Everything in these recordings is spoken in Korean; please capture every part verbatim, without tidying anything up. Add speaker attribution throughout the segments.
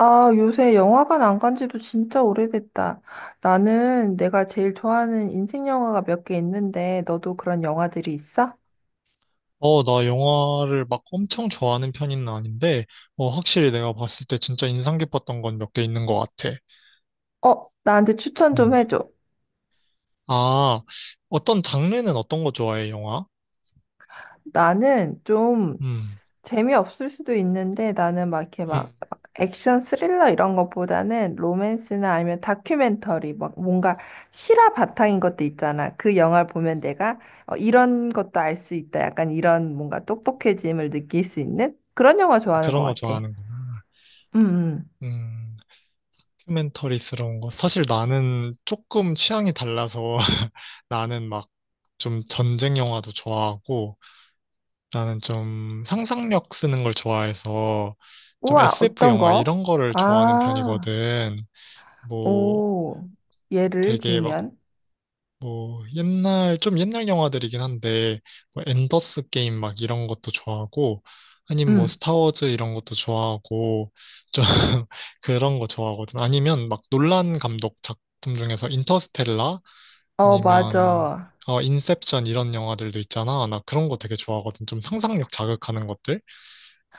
Speaker 1: 아, 요새 영화관 안 간 지도 진짜 오래됐다. 나는 내가 제일 좋아하는 인생 영화가 몇 개 있는데, 너도 그런 영화들이 있어?
Speaker 2: 어, 나 영화를 막 엄청 좋아하는 편은 아닌데, 어, 확실히 내가 봤을 때 진짜 인상 깊었던 건 몇 개 있는 것 같아.
Speaker 1: 어, 나한테 추천 좀
Speaker 2: 음.
Speaker 1: 해줘.
Speaker 2: 아, 어떤 장르는 어떤 거 좋아해, 영화?
Speaker 1: 나는 좀
Speaker 2: 음,
Speaker 1: 재미없을 수도 있는데, 나는 막 이렇게 막
Speaker 2: 음,
Speaker 1: 액션 스릴러 이런 것보다는 로맨스나 아니면 다큐멘터리, 막 뭔가 실화 바탕인 것도 있잖아. 그 영화를 보면 내가 어, 이런 것도 알 수 있다. 약간 이런 뭔가 똑똑해짐을 느낄 수 있는 그런 영화
Speaker 2: 아,
Speaker 1: 좋아하는 것
Speaker 2: 그런 거
Speaker 1: 같아.
Speaker 2: 좋아하는구나.
Speaker 1: 음, 음.
Speaker 2: 음, 다큐멘터리스러운 거. 사실 나는 조금 취향이 달라서 나는 막 좀 전쟁 영화도 좋아하고, 나는 좀 상상력 쓰는 걸 좋아해서 좀
Speaker 1: 우와,
Speaker 2: 에스에프
Speaker 1: 어떤
Speaker 2: 영화
Speaker 1: 거?
Speaker 2: 이런 거를 좋아하는
Speaker 1: 아,
Speaker 2: 편이거든. 뭐
Speaker 1: 오, 예를
Speaker 2: 되게 막
Speaker 1: 들면,
Speaker 2: 뭐 옛날 좀 옛날 영화들이긴 한데 뭐 엔더스 게임 막 이런 것도 좋아하고 아니면 뭐
Speaker 1: 음,
Speaker 2: 스타워즈 이런 것도 좋아하고 좀 그런 거 좋아하거든. 아니면 막 놀란 감독 작품 중에서 인터스텔라
Speaker 1: 어,
Speaker 2: 아니면
Speaker 1: 맞아.
Speaker 2: 어 인셉션 이런 영화들도 있잖아. 나 그런 거 되게 좋아하거든. 좀 상상력 자극하는 것들.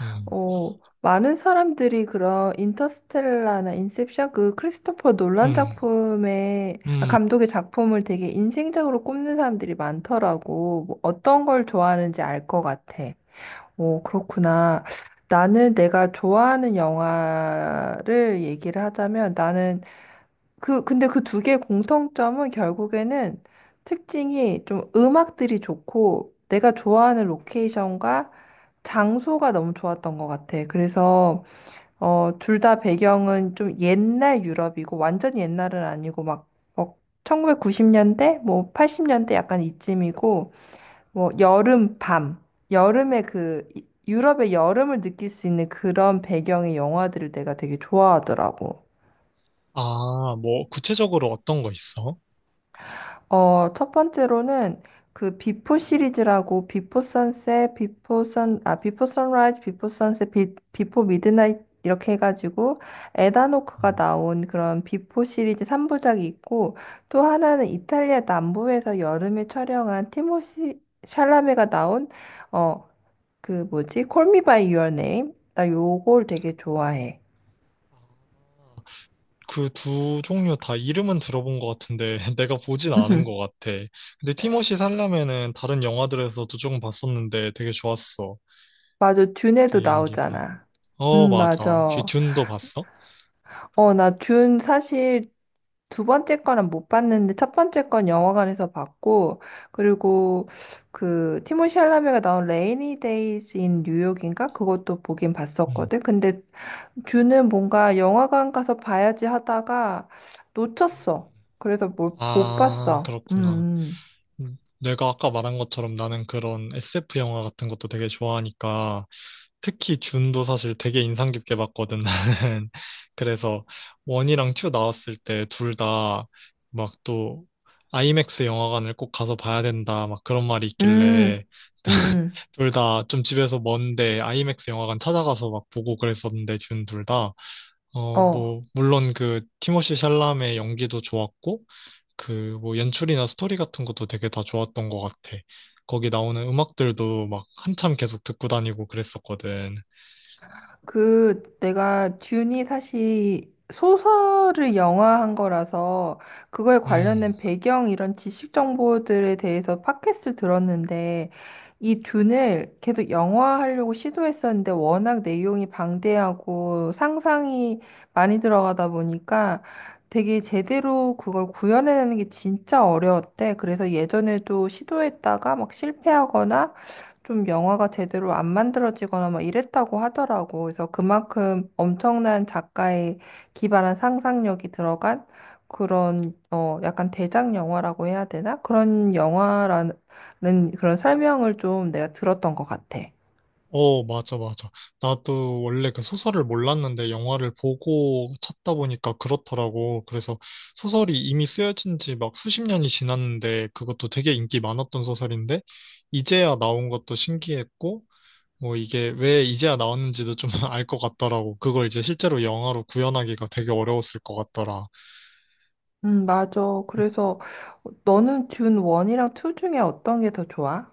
Speaker 2: 음.
Speaker 1: 오, 많은 사람들이 그런 인터스텔라나 인셉션 그 크리스토퍼 놀란
Speaker 2: 음,
Speaker 1: 작품의 아,
Speaker 2: 음.
Speaker 1: 감독의 작품을 되게 인생적으로 꼽는 사람들이 많더라고. 뭐 어떤 걸 좋아하는지 알 것 같아. 오, 그렇구나. 나는 내가 좋아하는 영화를 얘기를 하자면 나는 그, 근데 그 두 개의 공통점은 결국에는 특징이 좀 음악들이 좋고 내가 좋아하는 로케이션과 장소가 너무 좋았던 것 같아. 그래서, 어, 둘 다 배경은 좀 옛날 유럽이고 완전 옛날은 아니고 막, 뭐 천구백구십 년대? 뭐 팔십 년대 약간 이쯤이고 뭐 여름 밤, 여름의 그 이- 유럽의 여름을 느낄 수 있는 그런 배경의 영화들을 내가 되게 좋아하더라고.
Speaker 2: 아, 뭐, 구체적으로 어떤 거 있어?
Speaker 1: 어, 첫 번째로는 그 비포 시리즈라고 비포 선셋, 비포 선, 아, 비포 선라이즈, 비포 선셋, 비, 비포 미드나잇 이렇게 해가지고 에다노크가
Speaker 2: 음.
Speaker 1: 나온 그런 비포 시리즈 삼 부작이 있고 또 하나는 이탈리아 남부에서 여름에 촬영한 티모시 샬라메가 나온 어, 그 뭐지? 콜미 바이 유어 네임. 나 요걸 되게 좋아해.
Speaker 2: 아, 그 두 종류 다 이름은 들어본 것 같은데, 내가 보진 않은 것 같아. 근데 티머시 살라멘은 다른 영화들에서도 조금 봤었는데 되게 좋았어.
Speaker 1: 맞아. 듄에도
Speaker 2: 그 연기가.
Speaker 1: 나오잖아.
Speaker 2: 어,
Speaker 1: 음,
Speaker 2: 맞아. 혹시
Speaker 1: 맞아.
Speaker 2: 듄도 봤어?
Speaker 1: 어, 나 듄 사실 두 번째 거는 못 봤는데 첫 번째 건 영화관에서 봤고 그리고 그 티모시 샬라메가 나온 레이니 데이즈 인 뉴욕인가 그것도 보긴
Speaker 2: 음.
Speaker 1: 봤었거든. 근데 듀는 뭔가 영화관 가서 봐야지 하다가
Speaker 2: 음.
Speaker 1: 놓쳤어. 그래서 뭘, 못
Speaker 2: 아,
Speaker 1: 봤어.
Speaker 2: 그렇구나.
Speaker 1: 음,
Speaker 2: 음, 내가 아까 말한 것처럼 나는 그런 에스에프 영화 같은 것도 되게 좋아하니까 특히 준도 사실 되게 인상 깊게 봤거든 나는. 그래서 원이랑 투 나왔을 때 둘 다 막 또 아이맥스 영화관을 꼭 가서 봐야 된다 막 그런 말이 있길래
Speaker 1: 음, 음, 음, 음.
Speaker 2: 둘 다 좀 집에서 먼데 아이맥스 영화관 찾아가서 막 보고 그랬었는데 준 둘 다 어
Speaker 1: 어.
Speaker 2: 뭐 물론 그 티모시 샬라메 연기도 좋았고 그 뭐 연출이나 스토리 같은 것도 되게 다 좋았던 것 같아. 거기 나오는 음악들도 막 한참 계속 듣고 다니고 그랬었거든.
Speaker 1: 그 내가 듄이 사실 소설을 영화한 거라서 그거에
Speaker 2: 음,
Speaker 1: 관련된 배경 이런 지식 정보들에 대해서 팟캐스트 들었는데 이 듄을 계속 영화하려고 시도했었는데 워낙 내용이 방대하고 상상이 많이 들어가다 보니까 되게 제대로 그걸 구현해내는 게 진짜 어려웠대. 그래서 예전에도 시도했다가 막 실패하거나 좀 영화가 제대로 안 만들어지거나 막 이랬다고 하더라고. 그래서 그만큼 엄청난 작가의 기발한 상상력이 들어간 그런 어 약간 대작 영화라고 해야 되나? 그런 영화라는 그런 설명을 좀 내가 들었던 것 같아.
Speaker 2: 어, 맞아, 맞아. 나도 원래 그 소설을 몰랐는데 영화를 보고 찾다 보니까 그렇더라고. 그래서 소설이 이미 쓰여진 지 막 수십 년이 지났는데 그것도 되게 인기 많았던 소설인데 이제야 나온 것도 신기했고 뭐 이게 왜 이제야 나왔는지도 좀 알 것 같더라고. 그걸 이제 실제로 영화로 구현하기가 되게 어려웠을 것 같더라.
Speaker 1: 음, 맞아.
Speaker 2: 뭐
Speaker 1: 그래서 너는 준 일 이랑 이 중에 어떤 게 더 좋아?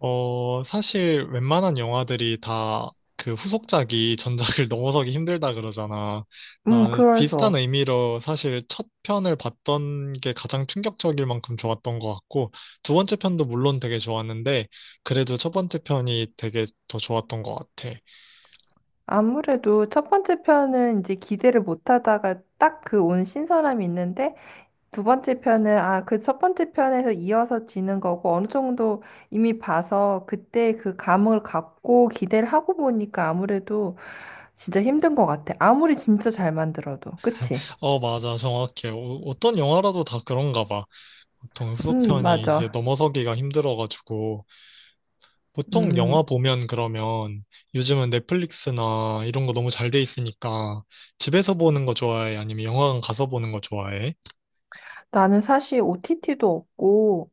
Speaker 2: 어, 사실 웬만한 영화들이 다 그 후속작이 전작을 넘어서기 힘들다 그러잖아.
Speaker 1: 음,
Speaker 2: 나 비슷한
Speaker 1: 그래서
Speaker 2: 의미로 사실 첫 편을 봤던 게 가장 충격적일 만큼 좋았던 것 같고, 두 번째 편도 물론 되게 좋았는데, 그래도 첫 번째 편이 되게 더 좋았던 것 같아.
Speaker 1: 아무래도 첫 번째 편은 이제 기대를 못 하다가 딱 그 온 신선함이 있는데 두 번째 편은 아, 그 첫 번째 편에서 이어서 지는 거고 어느 정도 이미 봐서 그때 그 감을 갖고 기대를 하고 보니까 아무래도 진짜 힘든 것 같아. 아무리 진짜 잘 만들어도. 그치?
Speaker 2: 어, 맞아. 정확해. 어, 어떤 영화라도 다 그런가 봐. 보통
Speaker 1: 음,
Speaker 2: 후속편이 이제
Speaker 1: 맞아.
Speaker 2: 넘어서기가 힘들어가지고. 보통
Speaker 1: 음,
Speaker 2: 영화 보면 그러면 요즘은 넷플릭스나 이런 거 너무 잘 돼 있으니까 집에서 보는 거 좋아해? 아니면 영화관 가서 보는 거 좋아해?
Speaker 1: 나는 사실 오티티도 없고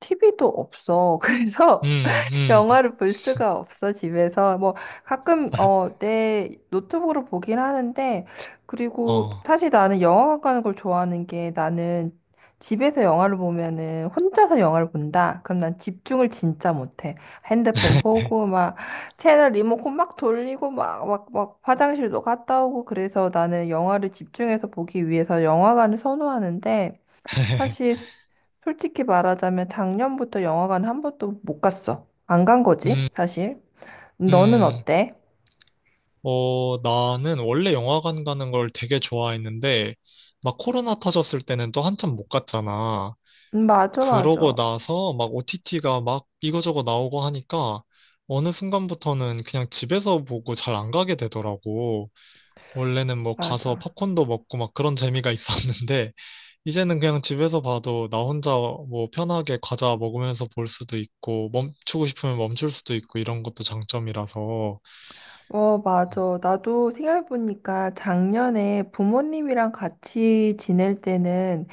Speaker 1: 티비도 없어. 그래서
Speaker 2: 음, 음,
Speaker 1: 영화를 볼 수가 없어, 집에서. 뭐, 가끔, 어, 내 노트북으로 보긴 하는데, 그리고
Speaker 2: 어.
Speaker 1: 사실 나는 영화관 가는 걸 좋아하는 게 나는 집에서 영화를 보면은 혼자서 영화를 본다? 그럼 난 집중을 진짜 못해. 핸드폰 보고, 막, 채널 리모컨 막 돌리고, 막, 막, 막, 화장실도 갔다 오고, 그래서 나는 영화를 집중해서 보기 위해서 영화관을 선호하는데, 사실 솔직히 말하자면 작년부터 영화관 한 번도 못 갔어. 안 간 거지,
Speaker 2: 음,
Speaker 1: 사실. 너는
Speaker 2: 음.
Speaker 1: 어때?
Speaker 2: 어, 나는 원래 영화관 가는 걸 되게 좋아했는데, 막 코로나 터졌을 때는 또 한참 못 갔잖아.
Speaker 1: 음, 맞아,
Speaker 2: 그러고
Speaker 1: 맞아.
Speaker 2: 나서 막 오티티가 막 이거저거 나오고 하니까 어느 순간부터는 그냥 집에서 보고 잘 안 가게 되더라고. 원래는 뭐 가서
Speaker 1: 맞아.
Speaker 2: 팝콘도 먹고 막 그런 재미가 있었는데, 이제는 그냥 집에서 봐도 나 혼자 뭐 편하게 과자 먹으면서 볼 수도 있고, 멈추고 싶으면 멈출 수도 있고, 이런 것도 장점이라서.
Speaker 1: 어, 맞아. 나도 생각해보니까 작년에 부모님이랑 같이 지낼 때는,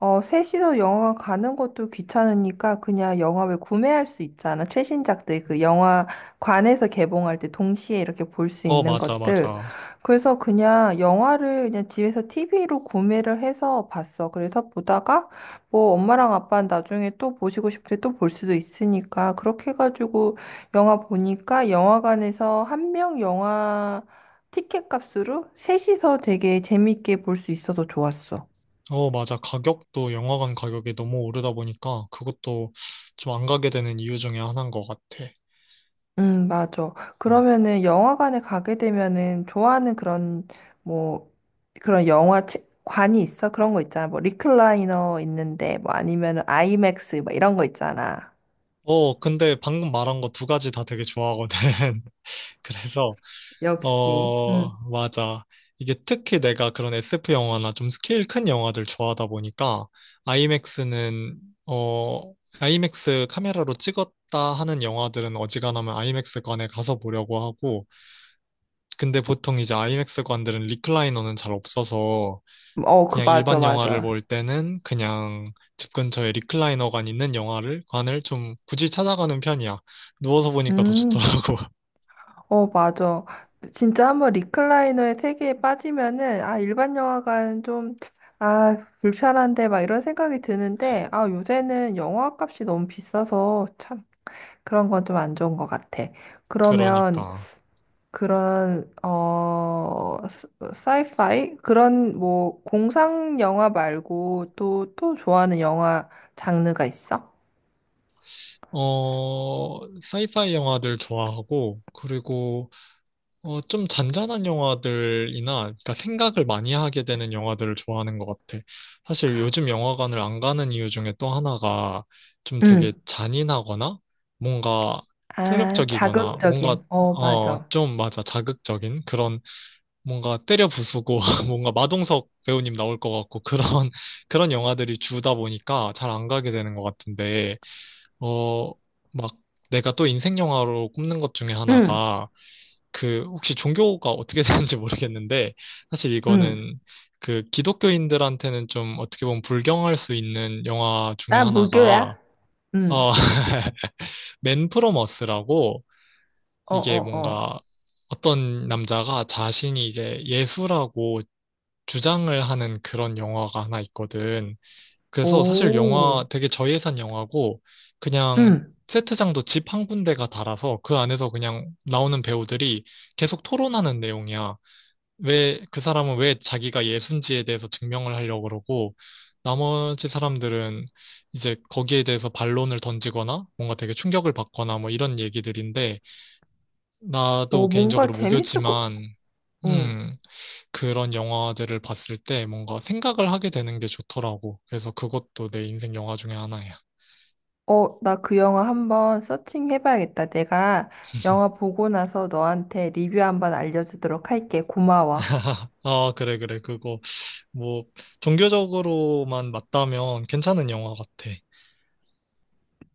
Speaker 1: 어, 셋이서 영화관 가는 것도 귀찮으니까 그냥 영화 왜 구매할 수 있잖아. 최신작들, 그 영화관에서 개봉할 때 동시에 이렇게 볼 수
Speaker 2: 어,
Speaker 1: 있는
Speaker 2: 맞아,
Speaker 1: 것들.
Speaker 2: 맞아.
Speaker 1: 그래서 그냥 영화를 그냥 집에서 티비로 구매를 해서 봤어. 그래서 보다가 뭐 엄마랑 아빠는 나중에 또 보시고 싶을 때 또 볼 수도 있으니까 그렇게 해가지고 영화 보니까 영화관에서 한 명 영화 티켓 값으로 셋이서 되게 재밌게 볼 수 있어서 좋았어.
Speaker 2: 어, 맞아. 가격도 영화관 가격이 너무 오르다 보니까 그것도 좀 안 가게 되는 이유 중에 하나인 것 같아.
Speaker 1: 음, 맞아. 그러면은 영화관에 가게 되면은 좋아하는 그런 뭐 그런 영화 책 관이 있어? 그런 거 있잖아. 뭐 리클라이너 있는데 뭐 아니면은 아이맥스 막 이런 거 있잖아.
Speaker 2: 어, 근데 방금 말한 거 두 가지 다 되게 좋아하거든. 그래서
Speaker 1: 역시.
Speaker 2: 어,
Speaker 1: 음.
Speaker 2: 맞아. 이게 특히 내가 그런 에스에프 영화나 좀 스케일 큰 영화들 좋아하다 보니까 아이맥스는 어, 아이맥스 카메라로 찍었다 하는 영화들은 어지간하면 아이맥스관에 가서 보려고 하고 근데 보통 이제 아이맥스관들은 리클라이너는 잘 없어서
Speaker 1: 어, 그
Speaker 2: 그냥
Speaker 1: 맞아,
Speaker 2: 일반 영화를
Speaker 1: 맞아.
Speaker 2: 볼 때는 그냥 집 근처에 리클라이너관 있는 영화를 관을 좀 굳이 찾아가는 편이야. 누워서 보니까 더
Speaker 1: 음.
Speaker 2: 좋더라고.
Speaker 1: 어, 맞아. 진짜 한번 리클라이너의 세계에 빠지면은, 아, 일반 영화관 좀, 아, 불편한데, 막 이런 생각이 드는데, 아, 요새는 영화 값이 너무 비싸서 참 그런 건 좀 안 좋은 것 같아. 그러면
Speaker 2: 그러니까.
Speaker 1: 그런, 어, 스- 사이파이? 그런 뭐, 공상 영화 말고 또, 또 좋아하는 영화 장르가 있어?
Speaker 2: 어, 사이파이 영화들 좋아하고, 그리고, 어, 좀 잔잔한 영화들이나, 그러니까 생각을 많이 하게 되는 영화들을 좋아하는 것 같아. 사실 요즘 영화관을 안 가는 이유 중에 또 하나가 좀 되게
Speaker 1: 응.
Speaker 2: 잔인하거나, 뭔가
Speaker 1: 아,
Speaker 2: 폭력적이거나, 뭔가,
Speaker 1: 자극적인. 어,
Speaker 2: 어,
Speaker 1: 맞아.
Speaker 2: 좀 맞아, 자극적인 그런, 뭔가 때려 부수고, 뭔가 마동석 배우님 나올 것 같고, 그런, 그런 영화들이 주다 보니까 잘 안 가게 되는 것 같은데, 어, 막 내가 또 인생 영화로 꼽는 것 중에
Speaker 1: 응,
Speaker 2: 하나가 그 혹시 종교가 어떻게 되는지 모르겠는데 사실
Speaker 1: 응.
Speaker 2: 이거는 그 기독교인들한테는 좀 어떻게 보면 불경할 수 있는 영화 중에
Speaker 1: 나 무교야.
Speaker 2: 하나가
Speaker 1: 응.
Speaker 2: 어, 맨 프로머스라고
Speaker 1: 어,
Speaker 2: 이게
Speaker 1: 어, 어.
Speaker 2: 뭔가 어떤 남자가 자신이 이제 예수라고 주장을 하는 그런 영화가 하나 있거든. 그래서 사실
Speaker 1: 오.
Speaker 2: 영화 되게 저예산 영화고 그냥
Speaker 1: 응.
Speaker 2: 세트장도 집 한 군데가 달아서 그 안에서 그냥 나오는 배우들이 계속 토론하는 내용이야. 왜 그 사람은 왜 자기가 예순지에 대해서 증명을 하려고 그러고 나머지 사람들은 이제 거기에 대해서 반론을 던지거나 뭔가 되게 충격을 받거나 뭐 이런 얘기들인데 나도
Speaker 1: 오, 뭔가
Speaker 2: 개인적으로
Speaker 1: 재밌을 거.
Speaker 2: 무교지만
Speaker 1: 응.
Speaker 2: 음 그런 영화들을 봤을 때 뭔가 생각을 하게 되는 게 좋더라고. 그래서 그것도 내 인생 영화 중에 하나야.
Speaker 1: 어, 나 그 영화 한번 서칭해봐야겠다. 내가 영화 보고 나서 너한테 리뷰 한번 알려주도록 할게. 고마워.
Speaker 2: 아, 그래, 그래. 그거 뭐 종교적으로만 맞다면 괜찮은 영화 같아.